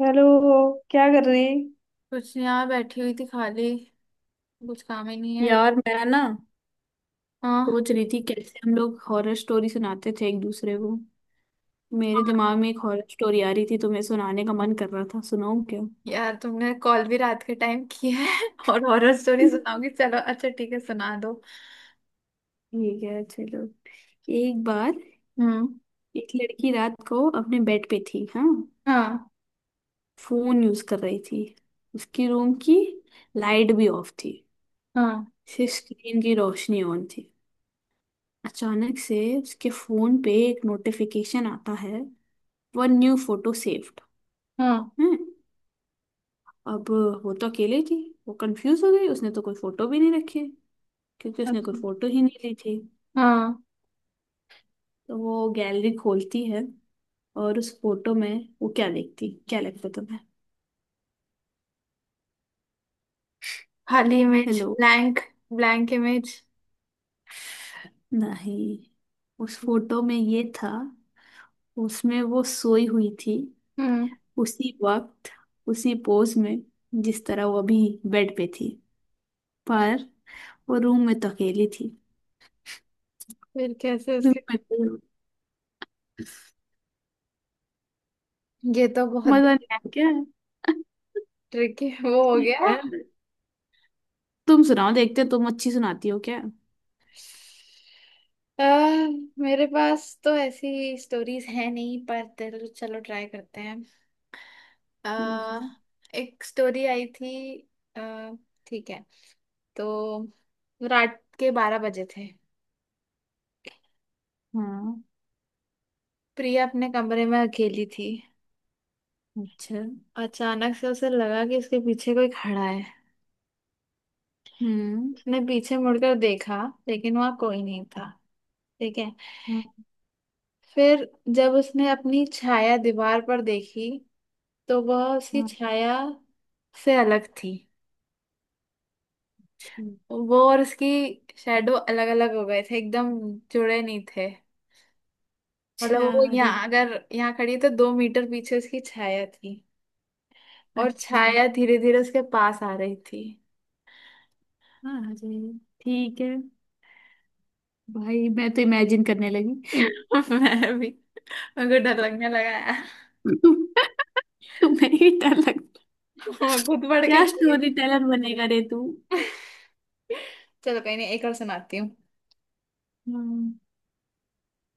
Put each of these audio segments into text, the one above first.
Hello. क्या कर रही? कुछ नहीं यार बैठी हुई थी खाली। कुछ काम ही नहीं है। यार मैं ना हाँ। सोच रही थी कैसे हम लोग हॉरर स्टोरी सुनाते थे एक दूसरे को। मेरे दिमाग में एक हॉरर स्टोरी आ रही थी तो मैं सुनाने का मन कर रहा था, सुनाऊं क्या? यार तुमने कॉल भी रात के टाइम की है। और हॉरर स्टोरी सुनाओगी। चलो अच्छा ठीक है सुना दो। ठीक है, चलो। एक बार हम्म। एक लड़की रात को अपने बेड पे थी, हाँ, हाँ। फोन यूज कर रही थी। उसकी रूम की लाइट भी ऑफ थी, हाँ। सिर्फ स्क्रीन की रोशनी ऑन थी। अचानक से उसके फोन पे एक नोटिफिकेशन आता है, वन न्यू फोटो सेव्ड। हाँ। अब वो तो अकेले थी, वो कंफ्यूज हो गई, उसने तो कोई फोटो भी नहीं रखी क्योंकि उसने कोई अच्छा। फोटो ही नहीं ली थी। हाँ। तो वो गैलरी खोलती है, और उस फोटो में वो क्या देखती, क्या लगता तुम्हें? खाली image hello. Blank. Blank image. नहीं, उस फोटो में ये था, उसमें वो सोई हुई थी, हम्म। उसी वक्त, उसी पोज में, जिस तरह वो अभी बेड पे थी। पर वो रूम में तो अकेली थी, फिर कैसे रूम उसके। में कोई- ये तो बहुत। मजा नहीं आया क्या? ट्रिकी वो हो ठीक गया। है, तुम सुनाओ, देखते हैं तुम अच्छी सुनाती हो क्या। आ, मेरे पास तो ऐसी स्टोरीज है नहीं पर चलो चलो ट्राई करते हैं। ठीक आ, है। एक स्टोरी आई थी। आ, ठीक है। तो रात के 12 बजे थे। हाँ। प्रिया अपने कमरे में अकेली थी। अच्छा। अचानक से उसे लगा कि उसके पीछे कोई खड़ा है। हम्म। उसने पीछे मुड़कर देखा लेकिन वहां कोई नहीं था। ठीक है। हाँ। फिर जब उसने अपनी छाया दीवार पर देखी तो वह उसकी हाँ, छाया से अलग थी। अच्छा। वो और उसकी शेडो अलग अलग हो गए थे एकदम। जुड़े नहीं थे। अच्छा। मतलब वो अरे। यहाँ अगर यहाँ खड़ी है तो 2 मीटर पीछे उसकी छाया थी। और अच्छा। छाया धीरे धीरे उसके पास आ रही थी। हाँ, अरे, ठीक है, भाई मैं तो इमेजिन करने लगी। मैं भी। मेरे को डर लगने लगा यार। तुम्हें ही डर लगता? मैं खुद बढ़ क्या के डर गई। स्टोरी टेलर बनेगा रे तू। चलो कहीं नहीं एक और सुनाती हूँ। हम्म।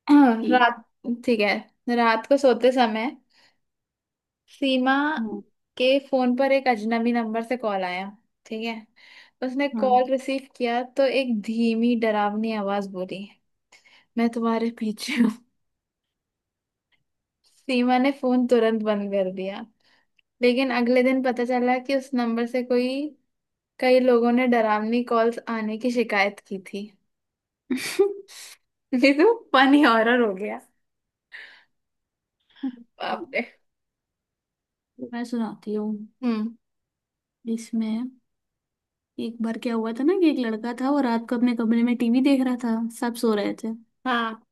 ठीक। रात। ठीक है, रात को सोते समय सीमा हाँ। के फोन पर एक अजनबी नंबर से कॉल आया। ठीक है। उसने हाँ। कॉल रिसीव किया तो एक धीमी डरावनी आवाज बोली, मैं तुम्हारे पीछे हूँ। सीमा ने फोन तुरंत बंद कर दिया। लेकिन अगले दिन पता चला कि उस नंबर से कोई कई लोगों ने डरावनी कॉल्स आने की शिकायत की थी। ये तो फनी हॉरर हो गया। हाँ, बाप रे। तो मैं सुनाती हूँ। हम्म। इसमें एक बार क्या हुआ था ना कि एक लड़का था, वो रात को अपने कमरे में टीवी देख रहा था, सब सो रहे थे। हाँ।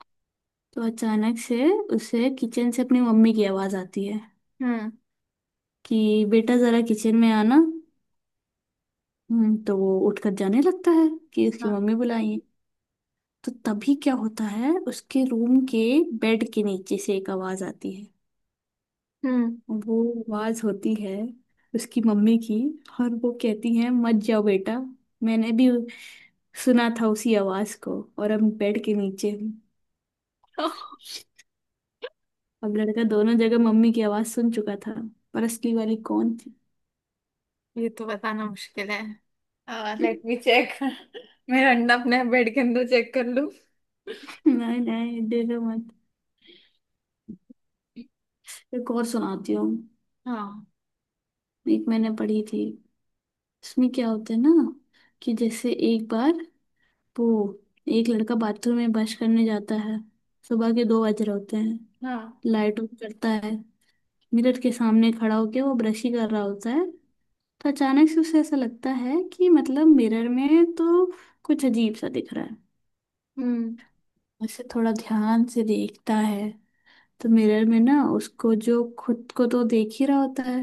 तो अचानक से उसे किचन से अपनी मम्मी की आवाज आती है हम्म। कि बेटा जरा किचन में आना। तो वो उठकर जाने लगता है कि उसकी हाँ। मम्मी बुलाई है। तो तभी क्या होता है, उसके रूम के बेड के नीचे से एक आवाज आती है। हम्म। वो आवाज होती है उसकी मम्मी की, और वो कहती है मत जाओ बेटा, मैंने भी सुना था उसी आवाज को और अब बेड के नीचे हूँ। अब लड़का दोनों जगह मम्मी की आवाज सुन चुका था, पर असली वाली कौन थी? ये तो बताना मुश्किल है। Let me check. मेरा अंडा अपने बेड के अंदर चेक कर लूं। नहीं नहीं, दे दो मत, एक और सुनाती हूँ। हाँ। एक मैंने पढ़ी थी। इसमें क्या होता है ना कि जैसे एक बार वो, एक लड़का बाथरूम में ब्रश करने जाता है, सुबह के दो बज रहे होते हैं। हाँ। लाइट ऑफ करता है, मिरर के सामने खड़ा होके वो ब्रश ही कर रहा होता है। तो अचानक से उसे ऐसा लगता है कि मतलब मिरर में तो कुछ अजीब सा दिख रहा है। हम्म। उसे थोड़ा ध्यान से देखता है तो मिरर में ना, उसको जो खुद को तो देख ही रहा होता है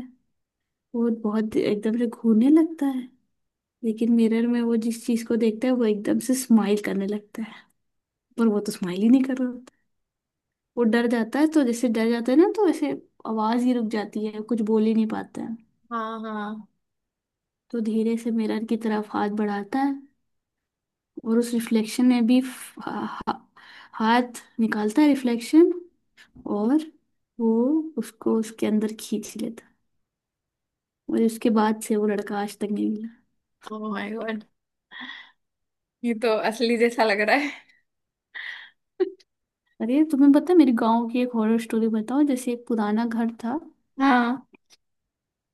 वो बहुत एकदम से घूरने लगता है। लेकिन मिरर में वो जिस चीज को देखता है वो एकदम से स्माइल करने लगता है, पर वो तो स्माइल ही नहीं कर रहा होता। वो डर जाता है, तो जैसे डर जाता है ना तो ऐसे आवाज ही रुक जाती है, कुछ बोल ही नहीं पाता है। हाँ। हाँ। तो धीरे से मिरर की तरफ हाथ बढ़ाता है, और उस रिफ्लेक्शन में भी फ- हा, हा- हाथ निकालता है रिफ्लेक्शन, और वो उसको उसके अंदर खींच लेता है। और उसके बाद से वो लड़का आज तक नहीं मिला। Oh my god. ये तो असली जैसा लग रहा है। अरे तुम्हें पता है मेरे गांव की एक हॉरर स्टोरी बताओ, जैसे एक पुराना घर था, हाँ।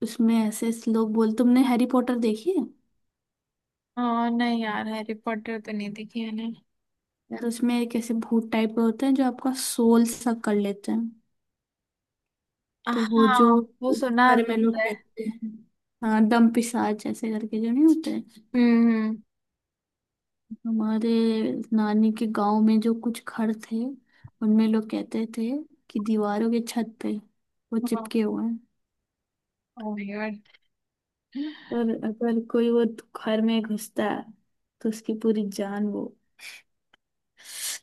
उसमें ऐसे ऐसे लोग बोल, तुमने हैरी पॉटर देखी है? हाँ नहीं यार हैरी पॉटर तो नहीं देखी मैंने। तो उसमें एक ऐसे भूत टाइप का होते हैं जो आपका सोल सब कर लेते हैं। तो वो हाँ। जो वो सुना घर में जरूर लोग है। कहते हैं, हाँ दम पिशाच ऐसे करके जो नहीं होते हैं। हम्म। हमारे नानी के गांव में जो कुछ घर थे, उनमें लोग कहते थे कि दीवारों के छत पे वो ओह चिपके हुए हैं। My god. और अगर कोई वो घर में घुसता है तो उसकी पूरी जान वो,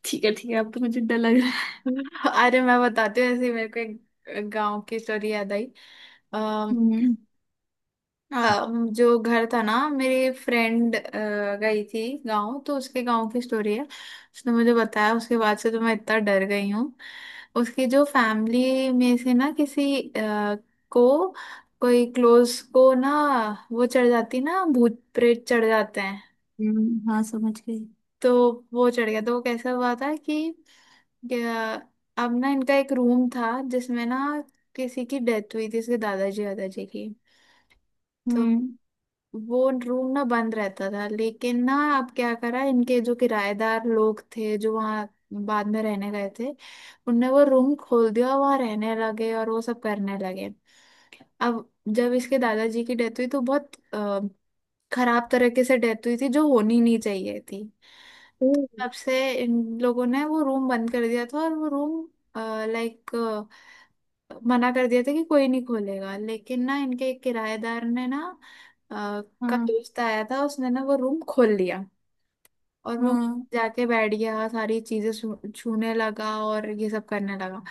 ठीक है ठीक है, अब तो मुझे डर लग रहा है। अरे मैं बताती हूँ, ऐसे ही मेरे को एक गांव की स्टोरी याद आई। अः हम्म। हाँ। जो घर था ना मेरी फ्रेंड गई थी गांव तो उसके गांव की स्टोरी है, उसने मुझे बताया। उसके बाद से तो मैं इतना डर गई हूँ। उसकी जो फैमिली में से ना किसी को, कोई क्लोज को ना, वो चढ़ जाती ना भूत प्रेत चढ़ जाते हैं। हाँ समझ गई। तो वो चढ़ गया तो वो कैसा हुआ था कि अ, अब ना इनका एक रूम था जिसमें ना किसी की डेथ हुई थी, इसके दादाजी दादाजी की। तो हम्म। वो रूम ना बंद रहता था लेकिन ना अब क्या करा, इनके जो किराएदार लोग थे जो वहाँ बाद में रहने गए थे, उनने वो रूम खोल दिया, वहाँ रहने लगे और वो सब करने लगे। अब जब इसके दादाजी की डेथ हुई तो बहुत खराब तरीके से डेथ हुई थी, जो होनी नहीं चाहिए थी। ओ। तब से इन लोगों ने वो रूम बंद कर दिया था और वो रूम लाइक मना कर दिया था कि कोई नहीं खोलेगा। लेकिन ना इनके एक किराएदार ने ना अ, का हाँ। दोस्त आया था, उसने ना वो रूम खोल लिया। और वो हाँ जाके बैठ गया, सारी चीजें छूने लगा और ये सब करने लगा।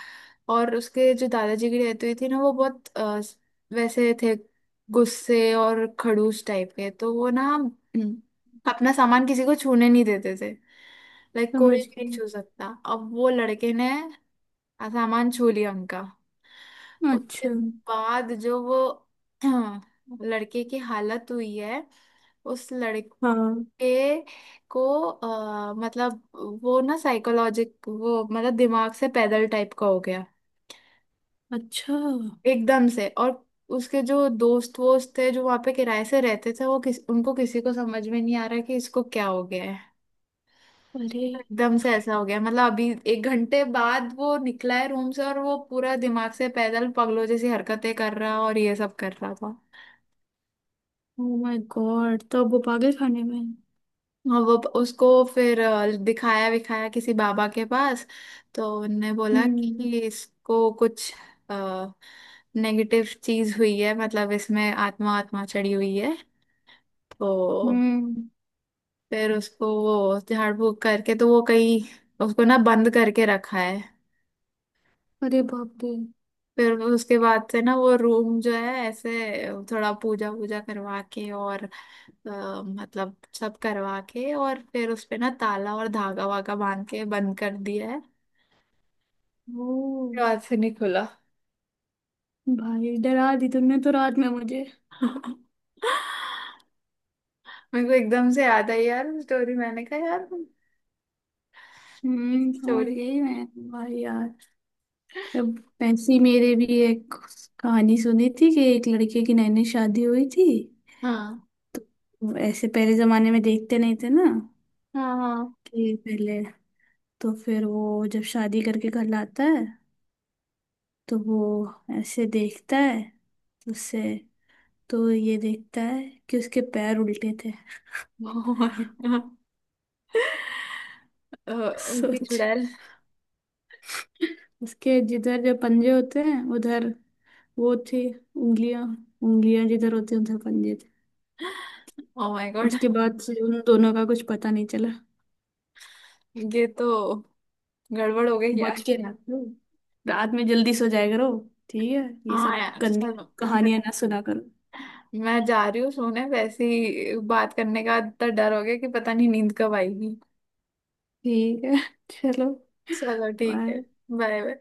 और उसके जो दादाजी की डेथ हुई थी ना वो बहुत वैसे थे, गुस्से और खड़ूस टाइप के। तो वो ना अपना सामान किसी को छूने नहीं देते थे। लाइक कोई समझ भी नहीं गई। छू सकता। अब वो लड़के ने सामान छू लिया उनका। उसके अच्छा। बाद जो वो लड़के की हालत हुई है, उस लड़के हाँ। ए को मतलब, वो ना साइकोलॉजिक वो मतलब दिमाग से पैदल टाइप का हो गया अच्छा। एकदम से। और उसके जो दोस्त वोस्त थे जो वहां पे किराए से रहते थे, वो किस उनको किसी को समझ में नहीं आ रहा कि इसको क्या हो गया है। अरे। एकदम से ऐसा हो गया, मतलब अभी 1 घंटे बाद वो निकला है रूम से और वो पूरा दिमाग से पैदल पागलों जैसी हरकतें कर रहा और ये सब कर रहा था। ओ माय गॉड, तो अब वो पागल खाने में है। हाँ, वो उसको फिर दिखाया विखाया किसी बाबा के पास तो उनने बोला हम्म। कि इसको कुछ नेगेटिव चीज हुई है, मतलब इसमें आत्मा आत्मा चढ़ी हुई है। तो हम्म। फिर उसको वो झाड़ फूक करके तो वो कहीं उसको ना बंद करके रखा है। अरे बाप रे। फिर वो उसके बाद से ना वो रूम जो है ऐसे थोड़ा पूजा वूजा करवा के और मतलब सब करवा के और फिर उस पे ना ताला और धागा वागा बांध के बंद कर दिया है। ओ। बाद से नहीं खुला। भाई डरा दी तुमने तो रात में मुझे। मेरे को एकदम से याद आई यार वो स्टोरी। मैंने कहा यार समझ स्टोरी। गई मैं। भाई यार, अब ऐसी मेरे भी एक कहानी सुनी थी, कि एक लड़के की नैनी शादी हुई थी। हाँ। तो ऐसे पहले जमाने में देखते नहीं थे ना हाँ। हाँ। कि पहले, तो फिर वो जब शादी करके घर लाता है, तो वो ऐसे देखता है, तो उससे, तो ये देखता है कि उसके पैर उल्टे थे। Oh my God. उल्टी सोच, चुड़ैल। उसके जिधर जो पंजे होते हैं उधर वो थी उंगलियां, उंगलियां जिधर होती हैं उधर पंजे थे। Oh my god. उसके बाद से उन दोनों का कुछ पता नहीं चला। ये तो गड़बड़ हो गई बच यार। के, रात में जल्दी सो जाया करो, ठीक है? ये हाँ सब यार। चलो गंदी मैं, कहानियां ना सुना करो। मैं जा रही हूँ सोने। वैसे ही बात करने का इतना डर हो गया कि पता नहीं नींद कब आएगी। ठीक है। चलो, चलो ठीक है। बाय। Bye bye.